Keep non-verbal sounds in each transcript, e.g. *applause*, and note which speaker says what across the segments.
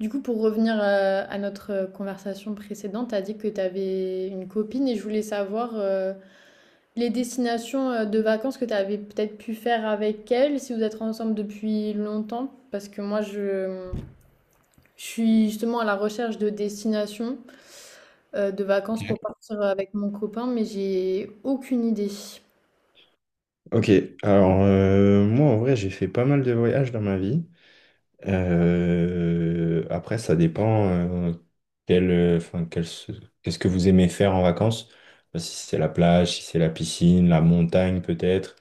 Speaker 1: Du coup, pour revenir, à notre, conversation précédente, tu as dit que tu avais une copine et je voulais savoir, les destinations, de vacances que tu avais peut-être pu faire avec elle, si vous êtes ensemble depuis longtemps? Parce que moi je suis justement à la recherche de destinations, de vacances pour partir, avec mon copain, mais j'ai aucune idée.
Speaker 2: Ok, alors moi en vrai j'ai fait pas mal de voyages dans ma vie. Après ça dépend quel, enfin, qu'est-ce que vous aimez faire en vacances. Si c'est la plage, si c'est la piscine, la montagne peut-être,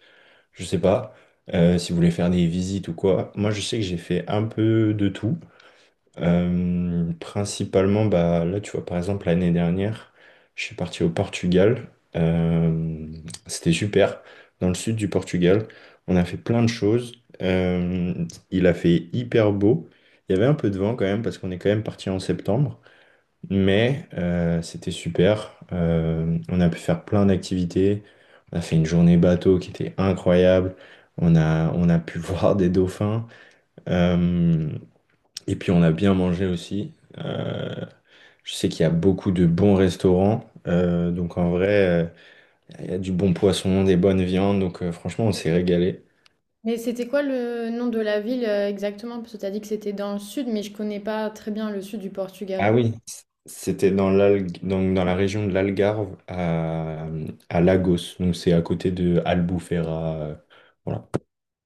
Speaker 2: je sais pas. Si vous voulez faire des visites ou quoi. Moi je sais que j'ai fait un peu de tout. Principalement, bah, là, tu vois, par exemple, l'année dernière, je suis parti au Portugal. Euh, C'était super. Dans le sud du Portugal, on a fait plein de choses. Il a fait hyper beau. Il y avait un peu de vent quand même, parce qu'on est quand même parti en septembre. Mais c'était super. On a pu faire plein d'activités. On a fait une journée bateau qui était incroyable. On a pu *laughs* voir des dauphins. Euh, et puis on a bien mangé aussi. Euh, je sais qu'il y a beaucoup de bons restaurants. Donc en vrai, il y a du bon poisson, des bonnes viandes. Donc franchement, on s'est régalé.
Speaker 1: Mais c'était quoi le nom de la ville, exactement? Parce que tu as dit que c'était dans le sud, mais je connais pas très bien le sud du
Speaker 2: Ah
Speaker 1: Portugal.
Speaker 2: oui, c'était donc dans la région de l'Algarve à Lagos. Donc c'est à côté de Albufeira. Voilà.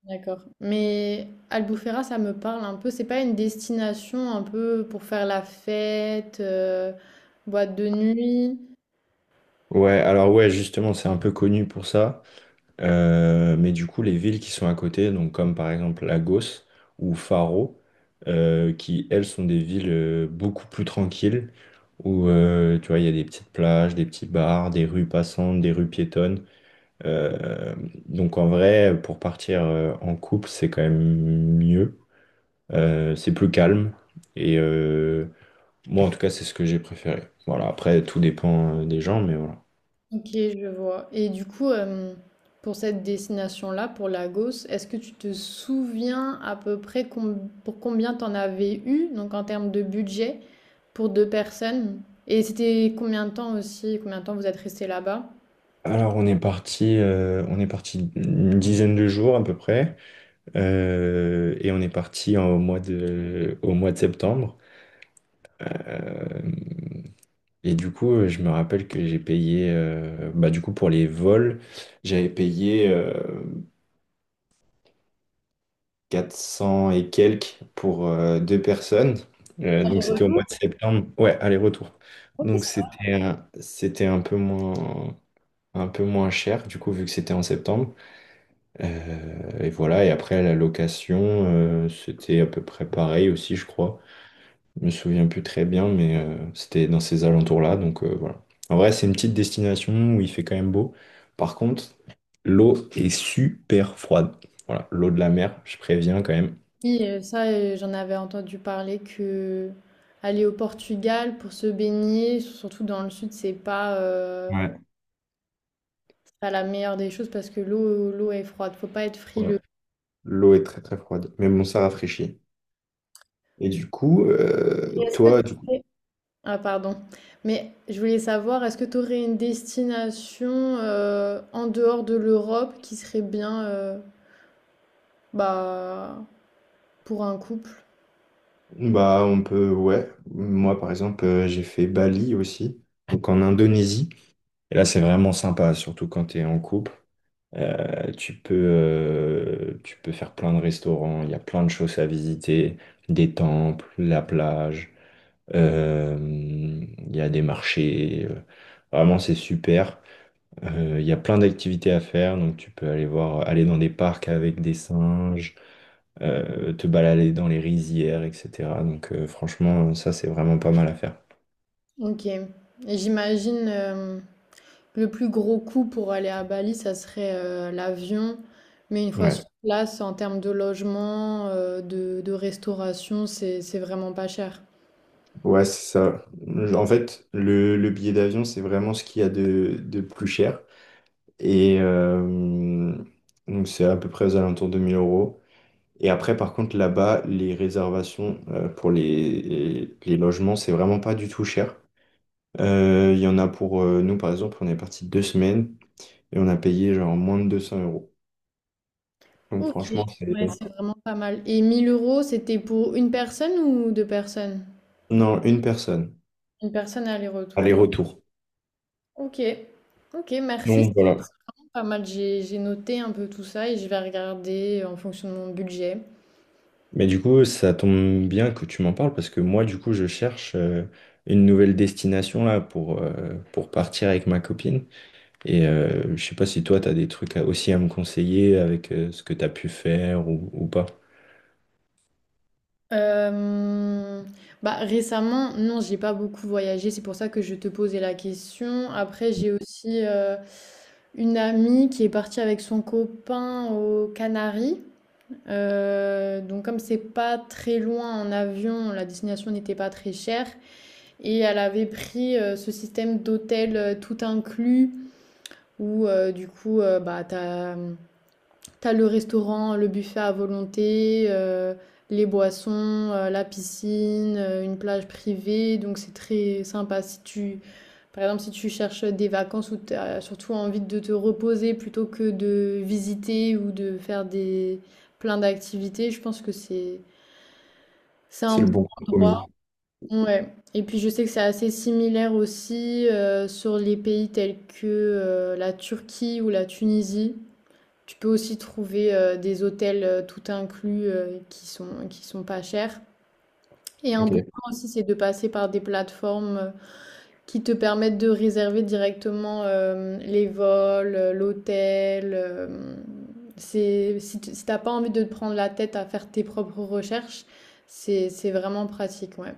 Speaker 1: D'accord. Mais Albufeira, ça me parle un peu. C'est pas une destination un peu pour faire la fête, boîte de nuit.
Speaker 2: Ouais, alors ouais, justement, c'est un peu connu pour ça. Mais du coup, les villes qui sont à côté, donc comme par exemple Lagos ou Faro, qui elles sont des villes beaucoup plus tranquilles, où tu vois, il y a des petites plages, des petits bars, des rues passantes, des rues piétonnes. Euh, donc en vrai, pour partir en couple, c'est quand même mieux. C'est plus calme. Et moi, en tout cas, c'est ce que j'ai préféré. Voilà, après, tout dépend des gens, mais voilà.
Speaker 1: Ok, je vois. Et du coup, pour cette destination-là, pour Lagos, est-ce que tu te souviens à peu près pour combien t'en avais eu, donc en termes de budget, pour deux personnes? Et c'était combien de temps aussi, combien de temps vous êtes resté là-bas?
Speaker 2: Alors on est parti une dizaine de jours à peu près, et on est au mois de septembre. Euh, et du coup, je me rappelle que j'ai payé, bah du coup pour les vols, j'avais payé 400 et quelques pour deux personnes. Donc c'était au mois de septembre, ouais, aller-retour. Donc c'était un peu moins cher du coup vu que c'était en septembre. Et voilà, et après la location, c'était à peu près pareil aussi, je crois. Je me souviens plus très bien, mais c'était dans ces alentours-là, donc voilà. En vrai, c'est une petite destination où il fait quand même beau. Par contre, l'eau est super froide. Voilà, l'eau de la mer, je préviens quand même.
Speaker 1: Oui, ça, j'en avais entendu parler que aller au Portugal pour se baigner, surtout dans le sud,
Speaker 2: Ouais.
Speaker 1: c'est pas la meilleure des choses parce que l'eau est froide. Faut pas être
Speaker 2: Ouais.
Speaker 1: frileux.
Speaker 2: L'eau est très très froide, mais bon, ça rafraîchit. Et du coup,
Speaker 1: Et
Speaker 2: toi, du coup,
Speaker 1: T'aurais- Ah, pardon. Mais je voulais savoir, est-ce que tu aurais une destination en dehors de l'Europe qui serait bien bah, pour un couple?
Speaker 2: bah on peut, ouais. Moi, par exemple, j'ai fait Bali aussi, donc en Indonésie. Et là, c'est vraiment sympa, surtout quand tu es en couple. Tu peux faire plein de restaurants, il y a plein de choses à visiter, des temples, la plage, il y a des marchés. Vraiment, c'est super. Il y a plein d'activités à faire, donc tu peux aller dans des parcs avec des singes, te balader dans les rizières, etc. Donc franchement, ça, c'est vraiment pas mal à faire.
Speaker 1: Ok. Et j'imagine. Le plus gros coût pour aller à Bali, ça serait l'avion. Mais une fois sur
Speaker 2: Ouais.
Speaker 1: place, en termes de logement, de restauration, c'est vraiment pas cher.
Speaker 2: Ouais, c'est ça. En fait, le billet d'avion, c'est vraiment ce qu'il y a de plus cher. Et donc, c'est à peu près aux alentours de 1 000 euros. Et après, par contre, là-bas, les réservations pour les logements, c'est vraiment pas du tout cher. Il y en a pour nous, par exemple, on est parti deux semaines et on a payé genre moins de 200 euros. Donc,
Speaker 1: Ok,
Speaker 2: franchement, c'est.
Speaker 1: ouais, c'est vraiment pas mal. Et 1 000 euros, c'était pour une personne ou deux personnes?
Speaker 2: Non, une personne.
Speaker 1: Une personne aller-retour.
Speaker 2: Aller-retour.
Speaker 1: Ok, ok, merci.
Speaker 2: Donc, voilà.
Speaker 1: C'est pas mal. J'ai noté un peu tout ça et je vais regarder en fonction de mon budget.
Speaker 2: Mais du coup, ça tombe bien que tu m'en parles parce que moi, du coup, je cherche une nouvelle destination là pour partir avec ma copine. Et je sais pas si toi, tu as des aussi à me conseiller avec ce que tu as pu faire ou pas.
Speaker 1: Euh, bah récemment, non, j'ai pas beaucoup voyagé, c'est pour ça que je te posais la question. Après, j'ai aussi une amie qui est partie avec son copain aux Canaries. Donc comme c'est pas très loin en avion, la destination n'était pas très chère et elle avait pris ce système d'hôtel tout inclus où bah t'as le restaurant, le buffet à volonté, les boissons, la piscine, une plage privée, donc c'est très sympa. Si tu, par exemple, si tu cherches des vacances où tu as surtout envie de te reposer plutôt que de visiter ou de faire des plein d'activités, je pense que c'est un
Speaker 2: C'est le
Speaker 1: bon
Speaker 2: bon compromis.
Speaker 1: endroit. Ouais. Et puis je sais que c'est assez similaire aussi sur les pays tels que la Turquie ou la Tunisie. Tu peux aussi trouver des hôtels tout inclus qui qui sont pas chers. Et un bon
Speaker 2: Ok,
Speaker 1: point aussi, c'est de passer par des plateformes qui te permettent de réserver directement les vols, l'hôtel. C'est, si tu n'as pas envie de te prendre la tête à faire tes propres recherches, c'est vraiment pratique, ouais.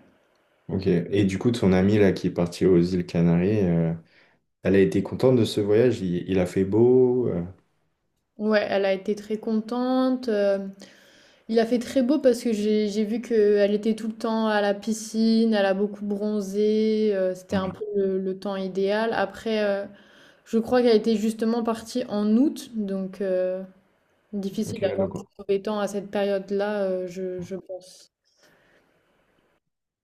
Speaker 2: ok. Et du coup, ton ami là qui est parti aux îles Canaries, elle a été contente de ce voyage? Il a fait beau?
Speaker 1: Ouais, elle a été très contente. Il a fait très beau parce que j'ai vu qu'elle était tout le temps à la piscine, elle a beaucoup bronzé, c'était un peu le temps idéal. Après, je crois qu'elle était justement partie en août, donc difficile
Speaker 2: Ok,
Speaker 1: d'avoir
Speaker 2: donc,
Speaker 1: trouvé temps à cette période-là, je pense.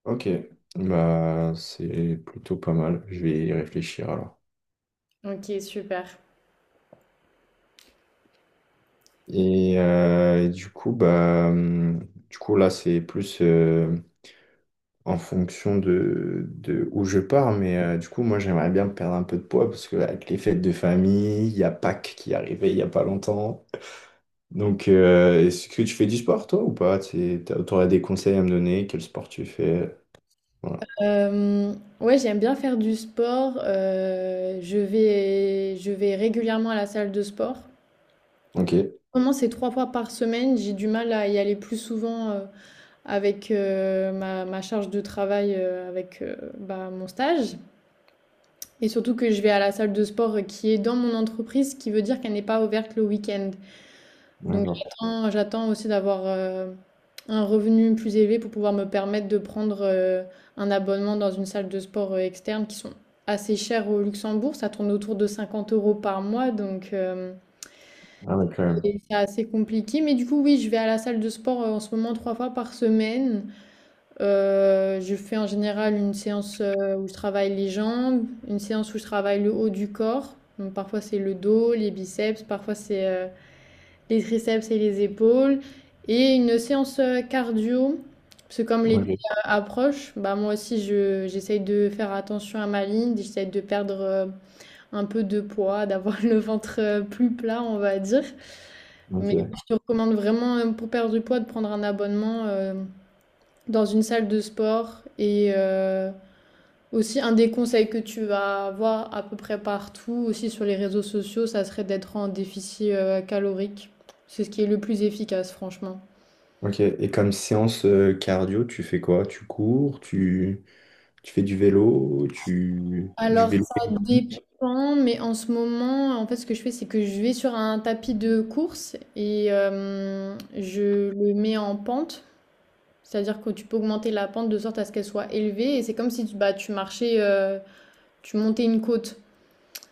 Speaker 2: ok. Bah, c'est plutôt pas mal. Je vais y réfléchir alors.
Speaker 1: Ok, super.
Speaker 2: Et du coup, bah, du coup, là, c'est plus en fonction de où je pars. Mais du coup, moi, j'aimerais bien perdre un peu de poids parce que avec les fêtes de famille, il y a Pâques qui est arrivé il n'y a pas longtemps. Donc, est-ce que tu fais du sport, toi, ou pas? Tu aurais des conseils à me donner? Quel sport tu fais? Voilà.
Speaker 1: Euh, ouais, j'aime bien faire du sport. Je vais régulièrement à la salle de sport.
Speaker 2: Ok,
Speaker 1: Comment c'est 3 fois par semaine, j'ai du mal à y aller plus souvent. Avec ma, charge de travail avec bah, mon stage. Et surtout que je vais à la salle de sport qui est dans mon entreprise, ce qui veut dire qu'elle n'est pas ouverte le week-end. Donc
Speaker 2: d'accord.
Speaker 1: j'attends aussi d'avoir un revenu plus élevé pour pouvoir me permettre de prendre un abonnement dans une salle de sport externe qui sont assez chères au Luxembourg. Ça tourne autour de 50 euros par mois, donc
Speaker 2: Ah ouais, quand même.
Speaker 1: et c'est assez compliqué. Mais du coup, oui, je vais à la salle de sport en ce moment 3 fois par semaine. Je fais en général une séance où je travaille les jambes, une séance où je travaille le haut du corps. Donc parfois c'est le dos, les biceps, parfois c'est les triceps et les épaules. Et une séance cardio, parce que comme l'été
Speaker 2: Ok,
Speaker 1: approche, bah moi aussi j'essaye de faire attention à ma ligne, j'essaye de perdre un peu de poids, d'avoir *laughs* le ventre plus plat, on va dire. Mais
Speaker 2: ok.
Speaker 1: je te recommande vraiment, pour perdre du poids, de prendre un abonnement. Dans une salle de sport. Et aussi, un des conseils que tu vas avoir à peu près partout, aussi sur les réseaux sociaux, ça serait d'être en déficit calorique. C'est ce qui est le plus efficace, franchement.
Speaker 2: Ok. Et comme séance cardio, tu fais quoi? Tu cours? Tu... Tu fais du vélo, tu... du
Speaker 1: Alors,
Speaker 2: vélo
Speaker 1: ça
Speaker 2: épique.
Speaker 1: dépend, mais en ce moment, en fait, ce que je fais, c'est que je vais sur un tapis de course et je le mets en pente. C'est-à-dire que tu peux augmenter la pente de sorte à ce qu'elle soit élevée. Et c'est comme si tu, bah, tu marchais, tu montais une côte.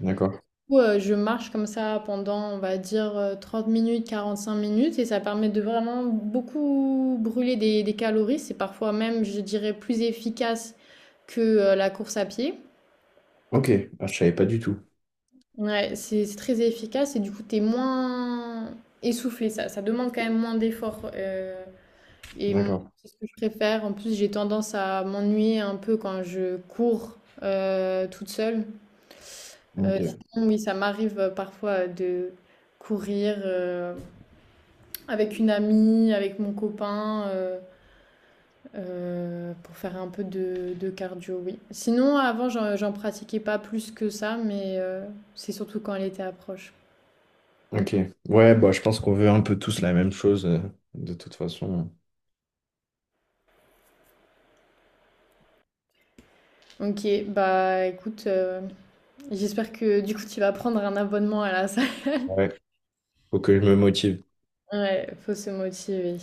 Speaker 2: D'accord.
Speaker 1: Coup, je marche comme ça pendant, on va dire, 30 minutes, 5 minutes, et ça permet de vraiment beaucoup brûler des calories. C'est parfois même, je dirais, plus efficace que la course à pied.
Speaker 2: Ok. Ah, je savais pas du tout.
Speaker 1: Ouais, c'est très efficace et du coup, t'es moins essoufflé. Ça demande quand même moins d'efforts. Et moi,
Speaker 2: D'accord.
Speaker 1: c'est ce que je préfère. En plus, j'ai tendance à m'ennuyer un peu quand je cours toute seule. Euh,
Speaker 2: Ok.
Speaker 1: sinon, oui, ça m'arrive parfois de courir. Avec une amie, avec mon copain, pour faire un peu de cardio, oui. Sinon, avant, j'en pratiquais pas plus que ça, mais c'est surtout quand elle était à proche.
Speaker 2: Ok. Ouais, bah, je pense qu'on veut un peu tous la même chose, de toute façon.
Speaker 1: Ok, bah écoute, j'espère que du coup tu vas prendre un abonnement à la salle. *laughs*
Speaker 2: Ouais. Faut que je me motive.
Speaker 1: Ouais, faut se motiver.